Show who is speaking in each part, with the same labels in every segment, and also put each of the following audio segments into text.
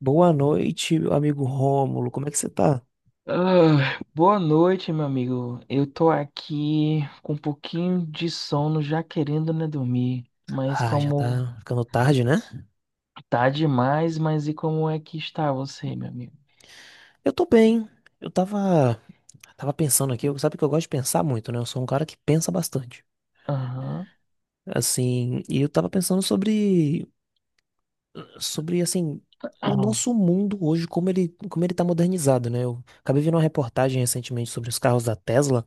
Speaker 1: Boa noite, meu amigo Rômulo. Como é que você tá?
Speaker 2: Ah, boa noite, meu amigo. Eu tô aqui com um pouquinho de sono, já querendo, né, dormir. Mas
Speaker 1: Ah, já
Speaker 2: como
Speaker 1: tá ficando tarde, né?
Speaker 2: tá demais, mas e como é que está você, meu amigo?
Speaker 1: Eu tô bem. Eu tava pensando aqui, sabe que eu gosto de pensar muito, né? Eu sou um cara que pensa bastante.
Speaker 2: Aham.
Speaker 1: Assim, e eu tava pensando sobre assim, o
Speaker 2: Aham.
Speaker 1: nosso mundo hoje, como ele tá modernizado, né? Eu acabei vendo uma reportagem recentemente sobre os carros da Tesla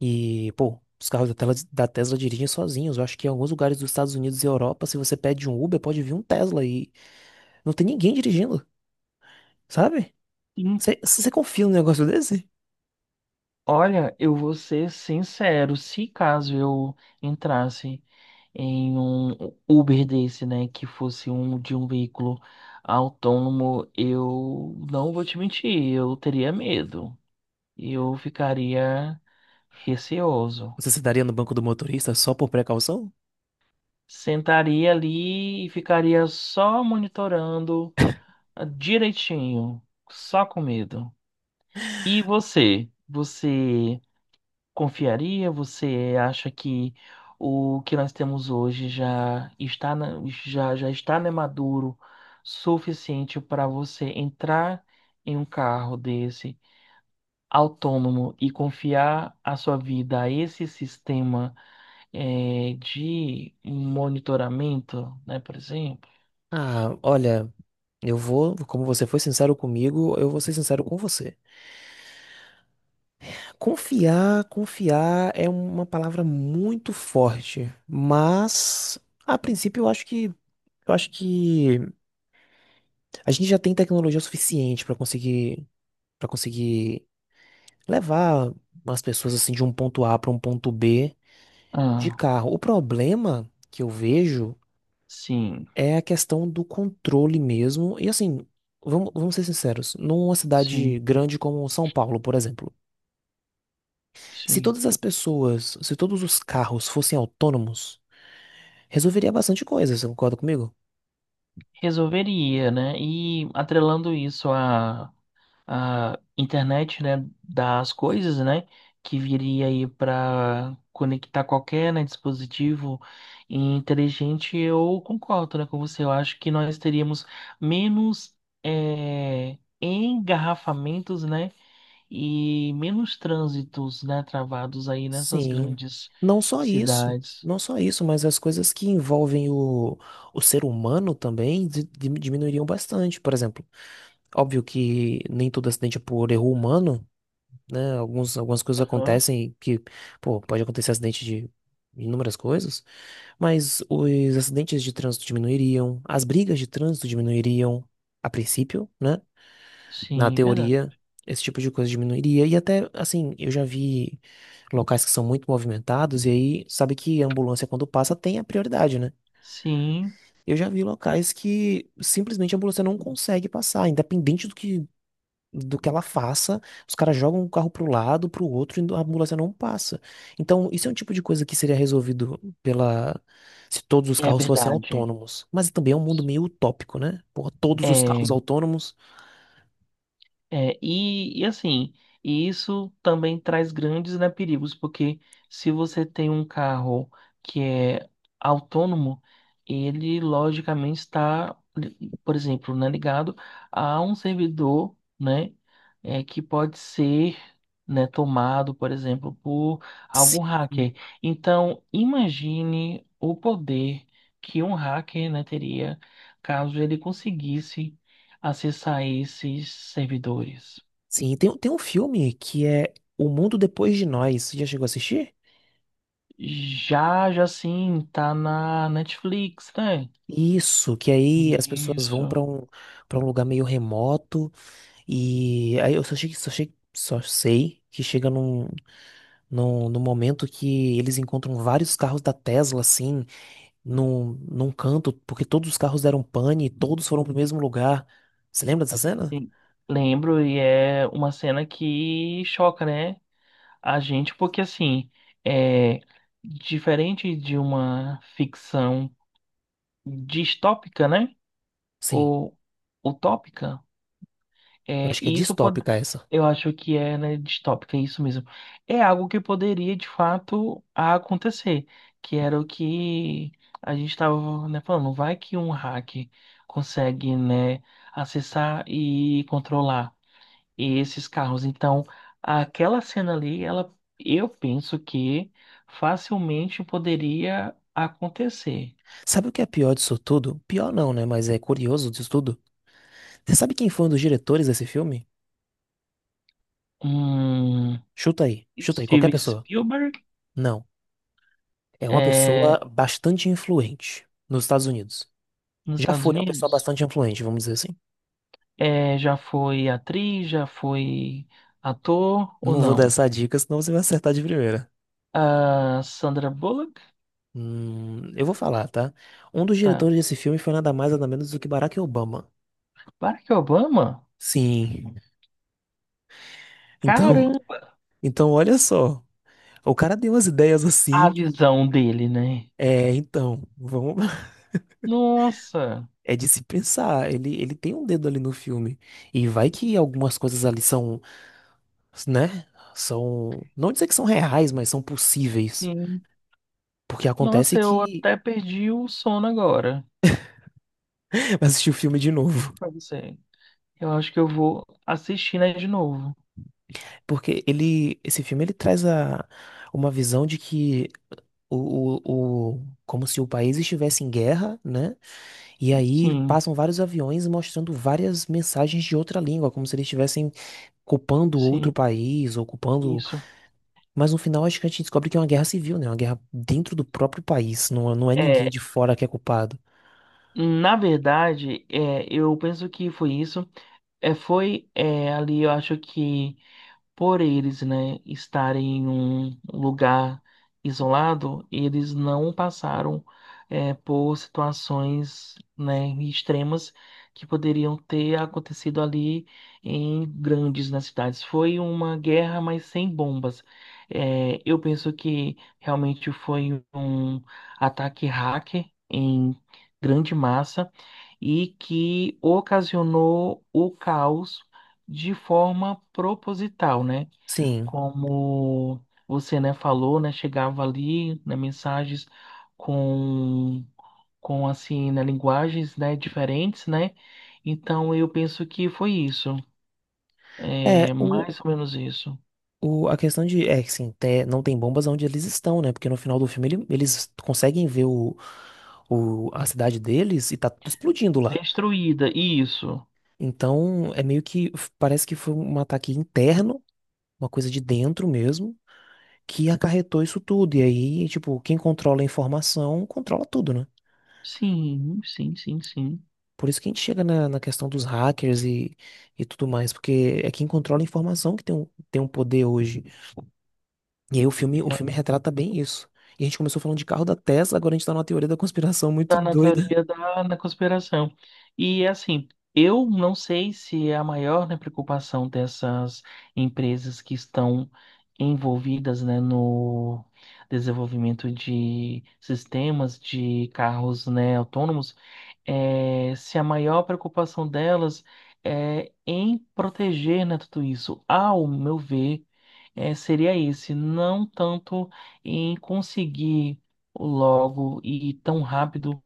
Speaker 1: e, pô, os carros da Tesla, dirigem sozinhos. Eu acho que em alguns lugares dos Estados Unidos e Europa, se você pede um Uber, pode vir um Tesla e não tem ninguém dirigindo. Sabe?
Speaker 2: Hum.
Speaker 1: Você confia num negócio desse?
Speaker 2: Olha, eu vou ser sincero, se caso eu entrasse em um Uber desse, né, que fosse um de um veículo autônomo, eu não vou te mentir, eu teria medo. Eu ficaria receoso.
Speaker 1: Você se daria no banco do motorista só por precaução?
Speaker 2: Sentaria ali e ficaria só monitorando direitinho, só com medo. E você? Você confiaria? Você acha que o que nós temos hoje já, já está, né, maduro suficiente para você entrar em um carro desse autônomo e confiar a sua vida a esse sistema? É, de monitoramento, né, por exemplo.
Speaker 1: Ah, olha, eu vou, como você foi sincero comigo, eu vou ser sincero com você. Confiar é uma palavra muito forte, mas a princípio eu acho que a gente já tem tecnologia suficiente para conseguir levar as pessoas assim de um ponto A para um ponto B de
Speaker 2: Ah,
Speaker 1: carro. O problema que eu vejo
Speaker 2: sim,
Speaker 1: é a questão do controle mesmo. E assim, vamos ser sinceros, numa cidade
Speaker 2: sim,
Speaker 1: grande como São Paulo, por exemplo, se
Speaker 2: sim.
Speaker 1: todas as pessoas, se todos os carros fossem autônomos, resolveria bastante coisa, você concorda comigo?
Speaker 2: Resolveria, né? E atrelando isso à, à internet, né, das coisas, né, que viria aí para conectar qualquer, né, dispositivo inteligente, eu concordo, né, com você. Eu acho que nós teríamos menos engarrafamentos, né? E menos trânsitos, né, travados aí nessas
Speaker 1: Sim.
Speaker 2: grandes
Speaker 1: Não só isso,
Speaker 2: cidades.
Speaker 1: não só isso, mas as coisas que envolvem o ser humano também diminuiriam bastante. Por exemplo, óbvio que nem todo acidente é por erro humano, né? Algumas coisas
Speaker 2: Aham.
Speaker 1: acontecem que, pô, pode acontecer acidente de inúmeras coisas, mas os acidentes de trânsito diminuiriam, as brigas de trânsito diminuiriam, a princípio, né? Na
Speaker 2: Sim, verdade.
Speaker 1: teoria, esse tipo de coisa diminuiria. E até, assim, eu já vi locais que são muito movimentados, e aí, sabe que a ambulância, quando passa, tem a prioridade, né?
Speaker 2: Sim,
Speaker 1: Eu já vi locais que simplesmente a ambulância não consegue passar, independente do que ela faça, os caras jogam o carro pro lado, pro outro, e a ambulância não passa. Então, isso é um tipo de coisa que seria resolvido pela se todos os
Speaker 2: é
Speaker 1: carros fossem
Speaker 2: verdade.
Speaker 1: autônomos. Mas também é um mundo meio utópico, né? Porra, todos os carros
Speaker 2: É.
Speaker 1: autônomos.
Speaker 2: É, e assim, e isso também traz grandes, né, perigos, porque se você tem um carro que é autônomo, ele logicamente está, por exemplo, né, ligado a um servidor, né, é, que pode ser, né, tomado, por exemplo, por algum
Speaker 1: Sim.
Speaker 2: hacker. Então, imagine o poder que um hacker, né, teria caso ele conseguisse acessar esses servidores.
Speaker 1: Sim, tem um filme que é O Mundo Depois de Nós. Você já chegou a assistir?
Speaker 2: Já, já sim, tá na Netflix, né?
Speaker 1: Isso, que aí as pessoas vão
Speaker 2: Isso.
Speaker 1: para um lugar meio remoto e aí eu só achei, só achei, só sei que chega num No, no momento que eles encontram vários carros da Tesla, assim, num canto, porque todos os carros deram pane e todos foram pro mesmo lugar. Você lembra dessa cena?
Speaker 2: Sim. Lembro, e é uma cena que choca, né? A gente, porque assim, é diferente de uma ficção distópica, né?
Speaker 1: Sim,
Speaker 2: Ou utópica.
Speaker 1: eu
Speaker 2: É,
Speaker 1: acho que é
Speaker 2: e isso pod...
Speaker 1: distópica essa.
Speaker 2: eu acho que é, né, distópica, é isso mesmo. É algo que poderia, de fato, acontecer, que era o que a gente estava, né, falando. Vai que um hack consegue, né, acessar e controlar esses carros. Então, aquela cena ali, ela, eu penso que facilmente poderia acontecer.
Speaker 1: Sabe o que é pior disso tudo? Pior não, né? Mas é curioso disso tudo. Você sabe quem foi um dos diretores desse filme?
Speaker 2: Hum.
Speaker 1: Qualquer
Speaker 2: Steven
Speaker 1: pessoa.
Speaker 2: Spielberg.
Speaker 1: Não, é uma
Speaker 2: É,
Speaker 1: pessoa bastante influente nos Estados Unidos.
Speaker 2: nos
Speaker 1: Já
Speaker 2: Estados
Speaker 1: foi uma pessoa
Speaker 2: Unidos.
Speaker 1: bastante influente, vamos dizer assim.
Speaker 2: É, já foi atriz, já foi ator ou
Speaker 1: Não vou dar
Speaker 2: não?
Speaker 1: essa dica, senão você vai acertar de primeira.
Speaker 2: A Sandra Bullock?
Speaker 1: Eu vou falar, tá? Um dos
Speaker 2: Tá.
Speaker 1: diretores desse filme foi nada mais nada menos do que Barack Obama.
Speaker 2: Barack Obama?
Speaker 1: Sim. Então,
Speaker 2: Caramba,
Speaker 1: então olha só. O cara deu umas ideias
Speaker 2: a
Speaker 1: assim.
Speaker 2: visão dele, né?
Speaker 1: É, então, vamos.
Speaker 2: Nossa,
Speaker 1: É de se pensar. Ele tem um dedo ali no filme. E vai que algumas coisas ali são, né? São. Não dizer que são reais, mas são possíveis.
Speaker 2: sim.
Speaker 1: Porque
Speaker 2: Nossa,
Speaker 1: acontece
Speaker 2: eu
Speaker 1: que.
Speaker 2: até perdi o sono agora.
Speaker 1: Vai assistir o filme de novo.
Speaker 2: Juro pra você. Eu acho que eu vou assistir, né, de novo.
Speaker 1: Porque ele. Esse filme ele traz uma visão de que como se o país estivesse em guerra, né? E aí
Speaker 2: Sim,
Speaker 1: passam vários aviões mostrando várias mensagens de outra língua, como se eles estivessem ocupando outro
Speaker 2: sim,
Speaker 1: país, ocupando.
Speaker 2: isso.
Speaker 1: Mas no final acho que a gente descobre que é uma guerra civil, né? Uma guerra dentro do próprio país. Não é
Speaker 2: É,
Speaker 1: ninguém de fora que é culpado.
Speaker 2: na verdade, é, eu penso que foi isso. É, foi é, ali, eu acho que por eles, né, estarem em um lugar isolado, eles não passaram é, por situações, né, extremas que poderiam ter acontecido ali em grandes nas cidades. Foi uma guerra, mas sem bombas. É, eu penso que realmente foi um ataque hacker em grande massa e que ocasionou o caos de forma proposital, né?
Speaker 1: Sim.
Speaker 2: Como você, né, falou, né, chegava ali, né, mensagens com, com assim, né, linguagens, né, diferentes, né? Então eu penso que foi isso, é
Speaker 1: É, o.
Speaker 2: mais ou menos isso.
Speaker 1: A questão de, é que assim, não tem bombas onde eles estão, né? Porque no final do filme eles conseguem ver o, a cidade deles e tá tudo explodindo lá.
Speaker 2: Destruída, isso.
Speaker 1: Então, é meio que parece que foi um ataque interno, uma coisa de dentro mesmo, que acarretou isso tudo. E aí, tipo, quem controla a informação controla tudo, né?
Speaker 2: Sim, sim, sim, sim.
Speaker 1: Por isso que a gente chega na questão dos hackers e tudo mais, porque é quem controla a informação que tem um poder hoje. E aí o filme retrata bem isso. E a gente começou falando de carro da Tesla, agora a gente tá numa teoria da conspiração muito
Speaker 2: Tá na
Speaker 1: doida.
Speaker 2: teoria da na conspiração. E assim, eu não sei se é a maior, né, preocupação dessas empresas que estão envolvidas, né, no desenvolvimento de sistemas de carros, né, autônomos, é, se a maior preocupação delas é em proteger, né, tudo isso. Ao meu ver, é, seria esse, não tanto em conseguir logo e tão rápido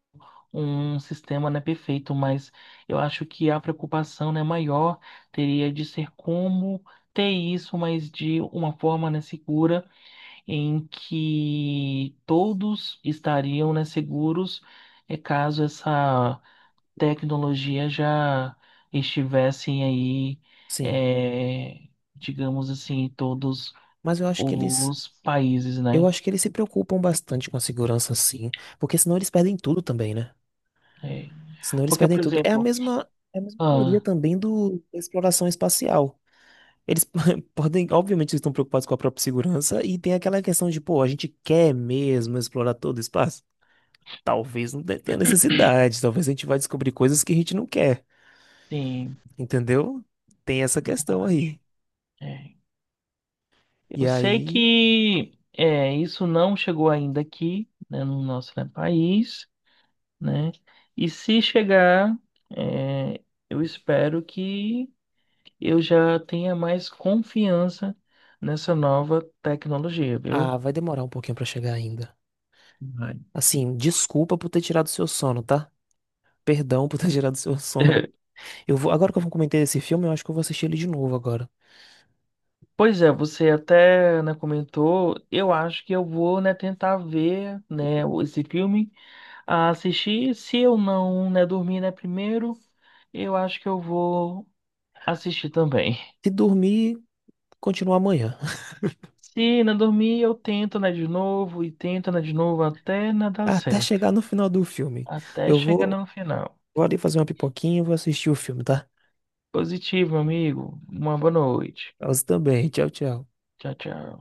Speaker 2: um sistema não é perfeito, mas eu acho que a preocupação, né, maior teria de ser como ter isso, mas de uma forma, né, segura, em que todos estariam, né, seguros, é caso essa tecnologia já estivessem aí,
Speaker 1: Sim,
Speaker 2: é, digamos assim, em todos
Speaker 1: mas
Speaker 2: os países,
Speaker 1: eu
Speaker 2: né?
Speaker 1: acho que eles se preocupam bastante com a segurança, sim, porque senão eles perdem tudo também, né?
Speaker 2: É.
Speaker 1: Senão eles
Speaker 2: Porque,
Speaker 1: perdem
Speaker 2: por
Speaker 1: tudo.
Speaker 2: exemplo,
Speaker 1: É a mesma teoria
Speaker 2: ah,
Speaker 1: também da exploração espacial. Eles podem, obviamente, eles estão preocupados com a própria segurança e tem aquela questão de, pô, a gente quer mesmo explorar todo o espaço? Talvez não tenha necessidade, talvez a gente vai descobrir coisas que a gente não quer,
Speaker 2: sim,
Speaker 1: entendeu? Tem essa questão
Speaker 2: verdade.
Speaker 1: aí.
Speaker 2: É.
Speaker 1: E
Speaker 2: Eu sei
Speaker 1: aí,
Speaker 2: que é, isso não chegou ainda aqui, né, no nosso, né, país, né? E se chegar, é, eu espero que eu já tenha mais confiança nessa nova tecnologia,
Speaker 1: ah,
Speaker 2: viu?
Speaker 1: vai demorar um pouquinho pra chegar ainda.
Speaker 2: Vai.
Speaker 1: Assim, desculpa por ter tirado seu sono, tá? Perdão por ter tirado seu sono. Eu vou, agora que eu vou comentar esse filme, eu acho que eu vou assistir ele de novo agora.
Speaker 2: Pois é, você até, né, comentou, eu acho que eu vou, né, tentar ver, né, esse filme, a assistir, se eu não, né, dormir, né, primeiro, eu acho que eu vou assistir também.
Speaker 1: Se dormir, continua amanhã.
Speaker 2: Se não dormir, eu tento nadar de novo e tento nadar de novo até nadar
Speaker 1: Até
Speaker 2: certo.
Speaker 1: chegar no final do filme.
Speaker 2: Até
Speaker 1: Eu
Speaker 2: chegar
Speaker 1: vou,
Speaker 2: no final.
Speaker 1: vou ali fazer uma pipoquinha e vou assistir o filme, tá?
Speaker 2: Positivo, amigo. Uma boa noite.
Speaker 1: Você também. Tchau, tchau.
Speaker 2: Tchau, tchau.